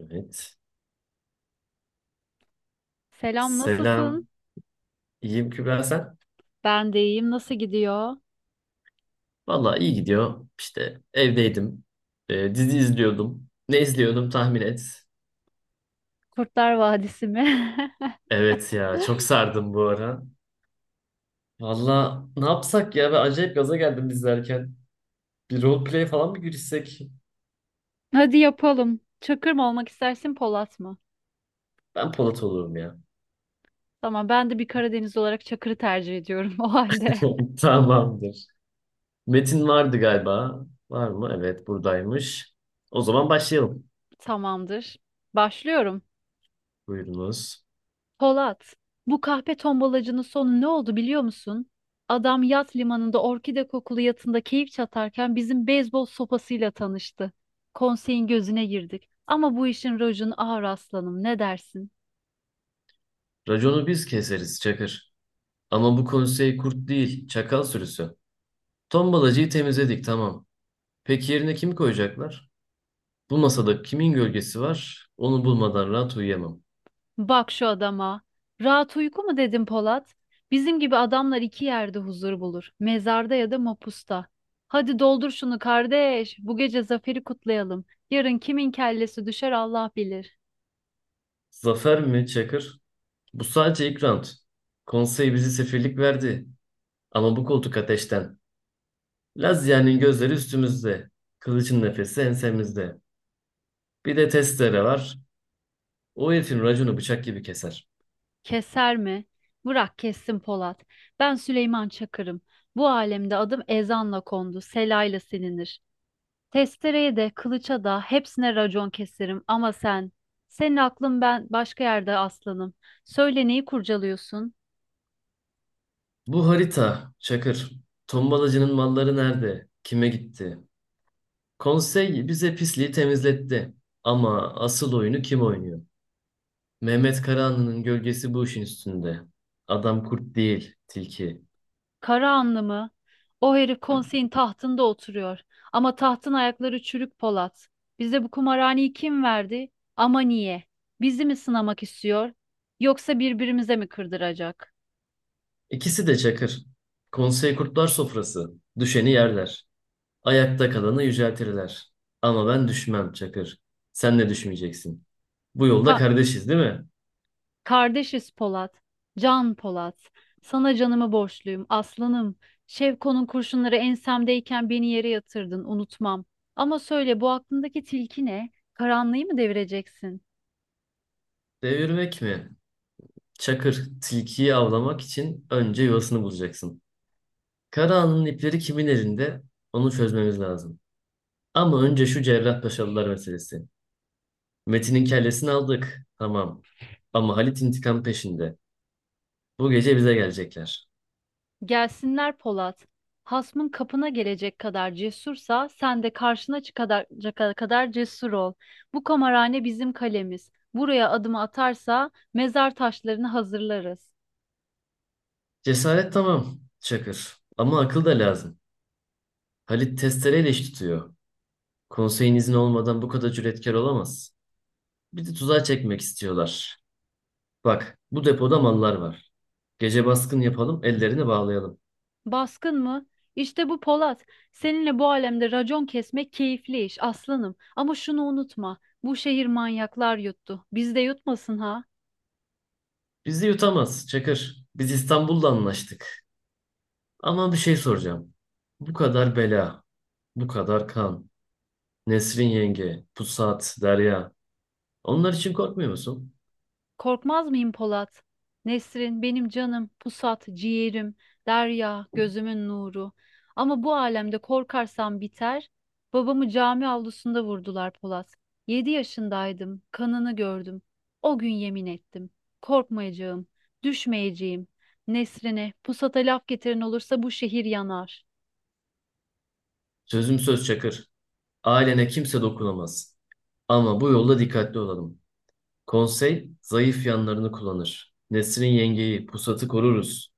Evet. Selam, nasılsın? Selam. İyiyim Kübra sen? Ben de iyiyim. Nasıl gidiyor? Valla iyi gidiyor. İşte evdeydim. Dizi izliyordum. Ne izliyordum tahmin et. Kurtlar Vadisi mi? Evet ya çok sardım bu ara. Valla ne yapsak ya? Ben acayip gaza geldim izlerken. Bir roleplay falan mı girişsek? Hadi yapalım. Çakır mı olmak istersin, Polat mı? Ben Polat olurum ya. Tamam, ben de bir Karadeniz olarak Çakır'ı tercih ediyorum o halde. Tamamdır. Metin vardı galiba. Var mı? Evet buradaymış. O zaman başlayalım. Tamamdır. Başlıyorum. Buyurunuz. Polat, bu kahpe tombalacının sonu ne oldu biliyor musun? Adam yat limanında orkide kokulu yatında keyif çatarken bizim beyzbol sopasıyla tanıştı. Konseyin gözüne girdik. Ama bu işin rojunu ağır aslanım. Ne dersin? Raconu biz keseriz Çakır. Ama bu konsey kurt değil, çakal sürüsü. Tombalacıyı temizledik tamam. Peki yerine kimi koyacaklar? Bu masada kimin gölgesi var? Onu bulmadan rahat uyuyamam. Bak şu adama. Rahat uyku mu dedim Polat? Bizim gibi adamlar iki yerde huzur bulur. Mezarda ya da mapusta. Hadi doldur şunu kardeş. Bu gece zaferi kutlayalım. Yarın kimin kellesi düşer Allah bilir. Zafer mi Çakır? Bu sadece ilk round. Konsey bizi sefirlik verdi. Ama bu koltuk ateşten. Lazia'nın gözleri üstümüzde. Kılıcın nefesi ensemizde. Bir de testere var. O herifin raconu bıçak gibi keser. Keser mi? Bırak kessin Polat. Ben Süleyman Çakır'ım. Bu alemde adım ezanla kondu, selayla silinir. Testereye de, kılıça da hepsine racon keserim ama sen, senin aklın ben başka yerde aslanım. Söyle neyi kurcalıyorsun? Bu harita, Çakır. Tombalacının malları nerede? Kime gitti? Konsey bize pisliği temizletti. Ama asıl oyunu kim oynuyor? Mehmet Karahanlı'nın gölgesi bu işin üstünde. Adam kurt değil, tilki. Karahanlı mı? O herif konseyin tahtında oturuyor. Ama tahtın ayakları çürük Polat. Bize bu kumarhaneyi kim verdi? Ama niye? Bizi mi sınamak istiyor? Yoksa birbirimize mi kırdıracak? İkisi de çakır. Konsey kurtlar sofrası. Düşeni yerler. Ayakta kalanı yüceltirler. Ama ben düşmem çakır. Sen de düşmeyeceksin. Bu yolda Ka- kardeşiz değil mi? Kardeşiz Polat. Can Polat. Sana canımı borçluyum aslanım. Şevko'nun kurşunları ensemdeyken beni yere yatırdın unutmam. Ama söyle bu aklındaki tilki ne? Karanlığı mı devireceksin? Devirmek mi? Çakır, tilkiyi avlamak için önce yuvasını bulacaksın. Karahanlı'nın ipleri kimin elinde? Onu çözmemiz lazım. Ama önce şu Cerrahpaşalılar meselesi. Metin'in kellesini aldık. Tamam. Ama Halit intikam peşinde. Bu gece bize gelecekler. Gelsinler Polat. Hasmın kapına gelecek kadar cesursa sen de karşına çıkacak kadar cesur ol. Bu kamarhane bizim kalemiz. Buraya adımı atarsa mezar taşlarını hazırlarız. Cesaret tamam, Çakır. Ama akıl da lazım. Halit testereyle iş tutuyor. Konseyin izni olmadan bu kadar cüretkar olamaz. Bir de tuzağa çekmek istiyorlar. Bak, bu depoda mallar var. Gece baskın yapalım, ellerini bağlayalım. Baskın mı? İşte bu Polat. Seninle bu alemde racon kesmek keyifli iş aslanım. Ama şunu unutma. Bu şehir manyaklar yuttu. Biz de yutmasın ha. Bizi yutamaz, Çakır. Biz İstanbul'da anlaştık. Ama bir şey soracağım. Bu kadar bela, bu kadar kan. Nesrin yenge, Pusat, Derya. Onlar için korkmuyor musun? Korkmaz mıyım Polat? Nesrin, benim canım, pusat, ciğerim, derya, gözümün nuru. Ama bu alemde korkarsam biter. Babamı cami avlusunda vurdular Polat. Yedi yaşındaydım, kanını gördüm. O gün yemin ettim. Korkmayacağım, düşmeyeceğim. Nesrin'e, pusata laf getiren olursa bu şehir yanar. Sözüm söz Çakır. Ailene kimse dokunamaz. Ama bu yolda dikkatli olalım. Konsey zayıf yanlarını kullanır. Nesrin yengeyi, pusatı koruruz.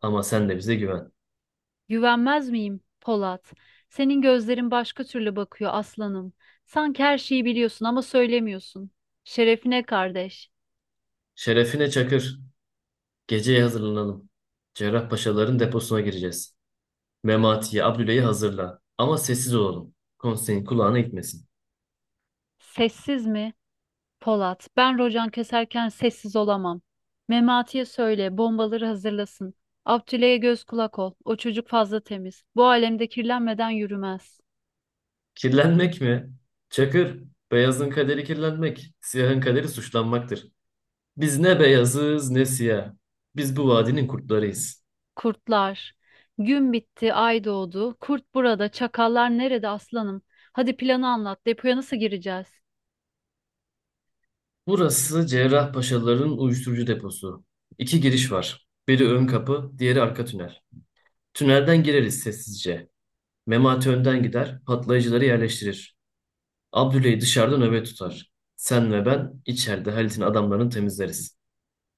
Ama sen de bize güven. Güvenmez miyim, Polat? Senin gözlerin başka türlü bakıyor aslanım. Sanki her şeyi biliyorsun ama söylemiyorsun. Şerefine kardeş. Şerefine Çakır. Geceye hazırlanalım. Cerrahpaşaların deposuna gireceğiz. Memati'yi, Abdüle'yi hazırla. Ama sessiz olalım. Konseyin kulağına gitmesin. Sessiz mi? Polat, ben rocan keserken sessiz olamam. Memati'ye söyle, bombaları hazırlasın. Abdüle'ye göz kulak ol. O çocuk fazla temiz. Bu alemde kirlenmeden yürümez. Kirlenmek mi? Çakır, beyazın kaderi kirlenmek, siyahın kaderi suçlanmaktır. Biz ne beyazız ne siyah. Biz bu vadinin kurtlarıyız. Kurtlar. Gün bitti, ay doğdu. Kurt burada, çakallar nerede aslanım? Hadi planı anlat. Depoya nasıl gireceğiz? Burası Cerrahpaşalıların uyuşturucu deposu. İki giriş var. Biri ön kapı, diğeri arka tünel. Tünelden gireriz sessizce. Memati önden gider, patlayıcıları yerleştirir. Abdüley dışarıda nöbet tutar. Sen ve ben içeride Halit'in adamlarını temizleriz.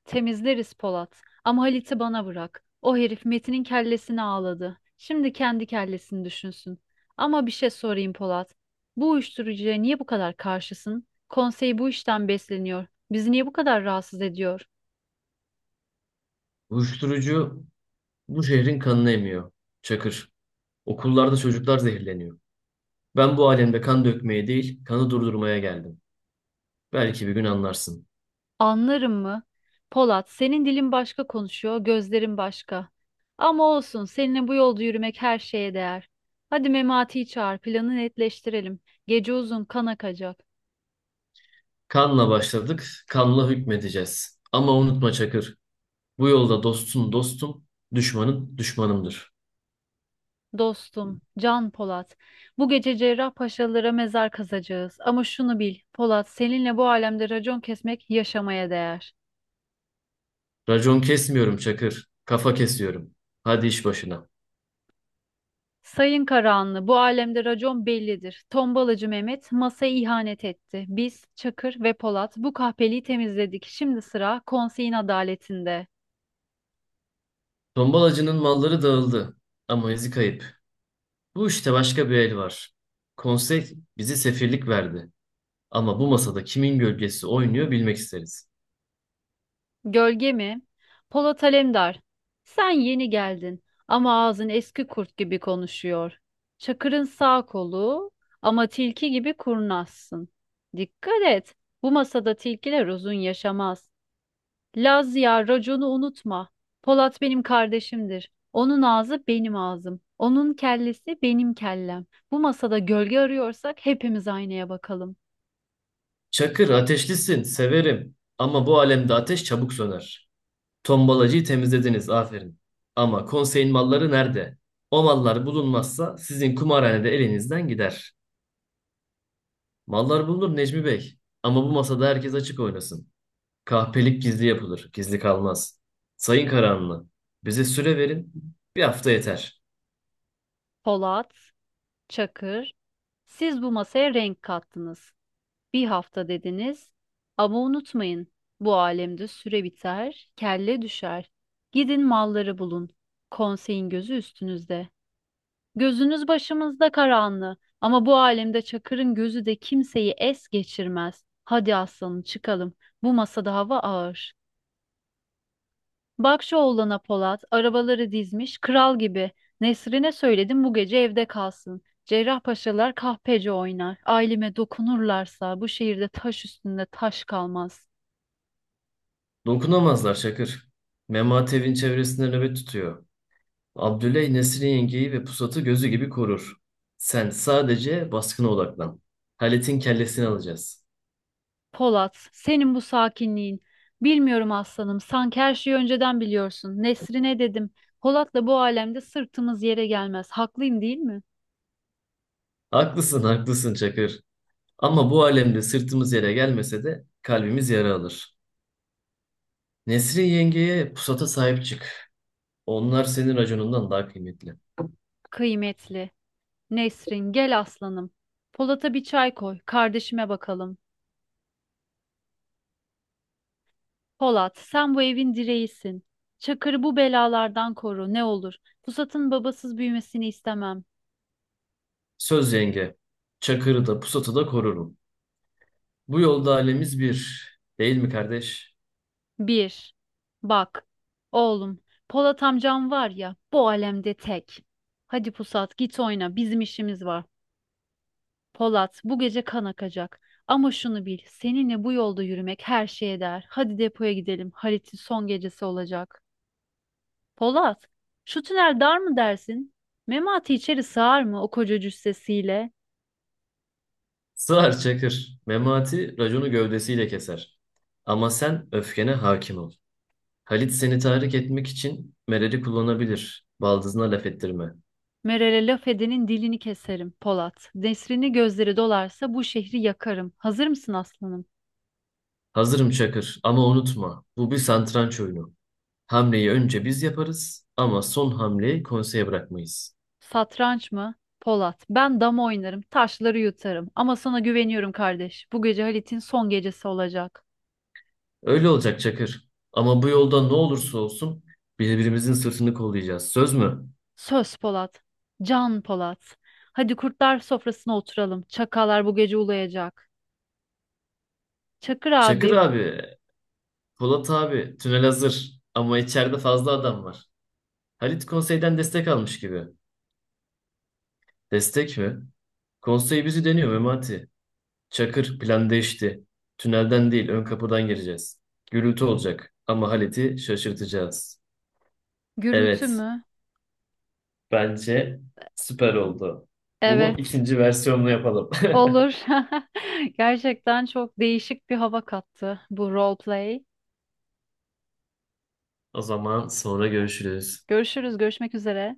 Temizleriz Polat. Ama Halit'i bana bırak. O herif Metin'in kellesini ağladı. Şimdi kendi kellesini düşünsün. Ama bir şey sorayım Polat. Bu uyuşturucuya niye bu kadar karşısın? Konsey bu işten besleniyor. Bizi niye bu kadar rahatsız ediyor? Uyuşturucu bu şehrin kanını emiyor. Çakır. Okullarda çocuklar zehirleniyor. Ben bu alemde kan dökmeye değil, kanı durdurmaya geldim. Belki bir gün anlarsın. Anlarım mı? Polat, senin dilin başka konuşuyor, gözlerin başka. Ama olsun, seninle bu yolda yürümek her şeye değer. Hadi Memati'yi çağır, planı netleştirelim. Gece uzun kan akacak. Kanla başladık, kanla hükmedeceğiz. Ama unutma Çakır. Bu yolda dostun dostum, düşmanın düşmanımdır. Dostum, Can Polat, bu gece Cerrahpaşalılara mezar kazacağız. Ama şunu bil, Polat, seninle bu alemde racon kesmek yaşamaya değer. Racon kesmiyorum Çakır, kafa kesiyorum. Hadi iş başına. Sayın Karahanlı, bu alemde racon bellidir. Tombalacı Mehmet masaya ihanet etti. Biz, Çakır ve Polat bu kahpeliği temizledik. Şimdi sıra konseyin adaletinde. Tombalacının malları dağıldı ama izi kayıp. Bu işte başka bir el var. Konsey bizi sefirlik verdi. Ama bu masada kimin gölgesi oynuyor bilmek isteriz. Gölge mi? Polat Alemdar. Sen yeni geldin ama ağzın eski kurt gibi konuşuyor. Çakır'ın sağ kolu ama tilki gibi kurnazsın. Dikkat et. Bu masada tilkiler uzun yaşamaz. Laz ya raconu unutma. Polat benim kardeşimdir. Onun ağzı benim ağzım. Onun kellesi benim kellem. Bu masada gölge arıyorsak hepimiz aynaya bakalım. Çakır ateşlisin, severim. Ama bu alemde ateş çabuk söner. Tombalacıyı temizlediniz, aferin. Ama konseyin malları nerede? O mallar bulunmazsa sizin kumarhanede elinizden gider. Mallar bulunur Necmi Bey. Ama bu masada herkes açık oynasın. Kahpelik gizli yapılır, gizli kalmaz. Sayın Karahanlı, bize süre verin, bir hafta yeter. Polat, Çakır, siz bu masaya renk kattınız. Bir hafta dediniz. Ama unutmayın, bu alemde süre biter, kelle düşer. Gidin malları bulun. Konseyin gözü üstünüzde. Gözünüz başımızda Karahanlı. Ama bu alemde Çakır'ın gözü de kimseyi es geçirmez. Hadi aslanım çıkalım. Bu masada hava ağır. Bak şu oğlana Polat, arabaları dizmiş, kral gibi. Nesrine söyledim bu gece evde kalsın. Cerrahpaşalar kahpece oynar. Aileme dokunurlarsa bu şehirde taş üstünde taş kalmaz. Dokunamazlar Şakır. Memat evin çevresinde nöbet tutuyor. Abdüley Nesrin yengeyi ve pusatı gözü gibi korur. Sen sadece baskına odaklan. Halit'in kellesini alacağız. Polat, senin bu sakinliğin. Bilmiyorum aslanım, sanki her şeyi önceden biliyorsun. Nesrine dedim, Polat'la bu alemde sırtımız yere gelmez. Haklıyım değil mi? Haklısın, haklısın Çakır. Ama bu alemde sırtımız yere gelmese de kalbimiz yara alır. Nesrin yengeye pusata sahip çık. Onlar senin raconundan daha kıymetli. Kıymetli. Nesrin, gel aslanım. Polat'a bir çay koy, kardeşime bakalım. Polat, sen bu evin direğisin. Çakır'ı bu belalardan koru ne olur. Pusat'ın babasız büyümesini istemem. Söz yenge, çakırı da pusatı da korurum. Bu yolda alemiz bir, değil mi kardeş? Bir, bak, oğlum, Polat amcam var ya, bu alemde tek. Hadi Pusat, git oyna, bizim işimiz var. Polat, bu gece kan akacak. Ama şunu bil, seninle bu yolda yürümek her şeye değer. Hadi depoya gidelim, Halit'in son gecesi olacak. Polat, şu tünel dar mı dersin? Memati içeri sığar mı o koca cüssesiyle? Sığar çakır, memati raconu gövdesiyle keser. Ama sen öfkene hakim ol. Halit seni tahrik etmek için Meral'i kullanabilir. Baldızına laf ettirme. Meral'e laf edenin dilini keserim, Polat. Nesrini gözleri dolarsa bu şehri yakarım. Hazır mısın aslanım? Hazırım Çakır ama unutma bu bir satranç oyunu. Hamleyi önce biz yaparız ama son hamleyi konseye bırakmayız. Satranç mı? Polat. Ben dama oynarım, taşları yutarım. Ama sana güveniyorum kardeş. Bu gece Halit'in son gecesi olacak. Öyle olacak Çakır. Ama bu yolda ne olursa olsun birbirimizin sırtını kollayacağız. Söz mü? Söz Polat. Can Polat. Hadi kurtlar sofrasına oturalım. Çakallar bu gece ulayacak. Çakır Çakır abi, abi, Polat abi, tünel hazır. Ama içeride fazla adam var. Halit konseyden destek almış gibi. Destek mi? Konsey bizi deniyor Memati. Çakır plan değişti. Tünelden değil ön kapıdan gireceğiz. Gürültü olacak ama Halit'i şaşırtacağız. gürültü Evet, mü? bence süper oldu. Bunu Evet. ikinci versiyonla yapalım. Olur. Gerçekten çok değişik bir hava kattı bu role play. O zaman sonra görüşürüz. Görüşürüz, görüşmek üzere.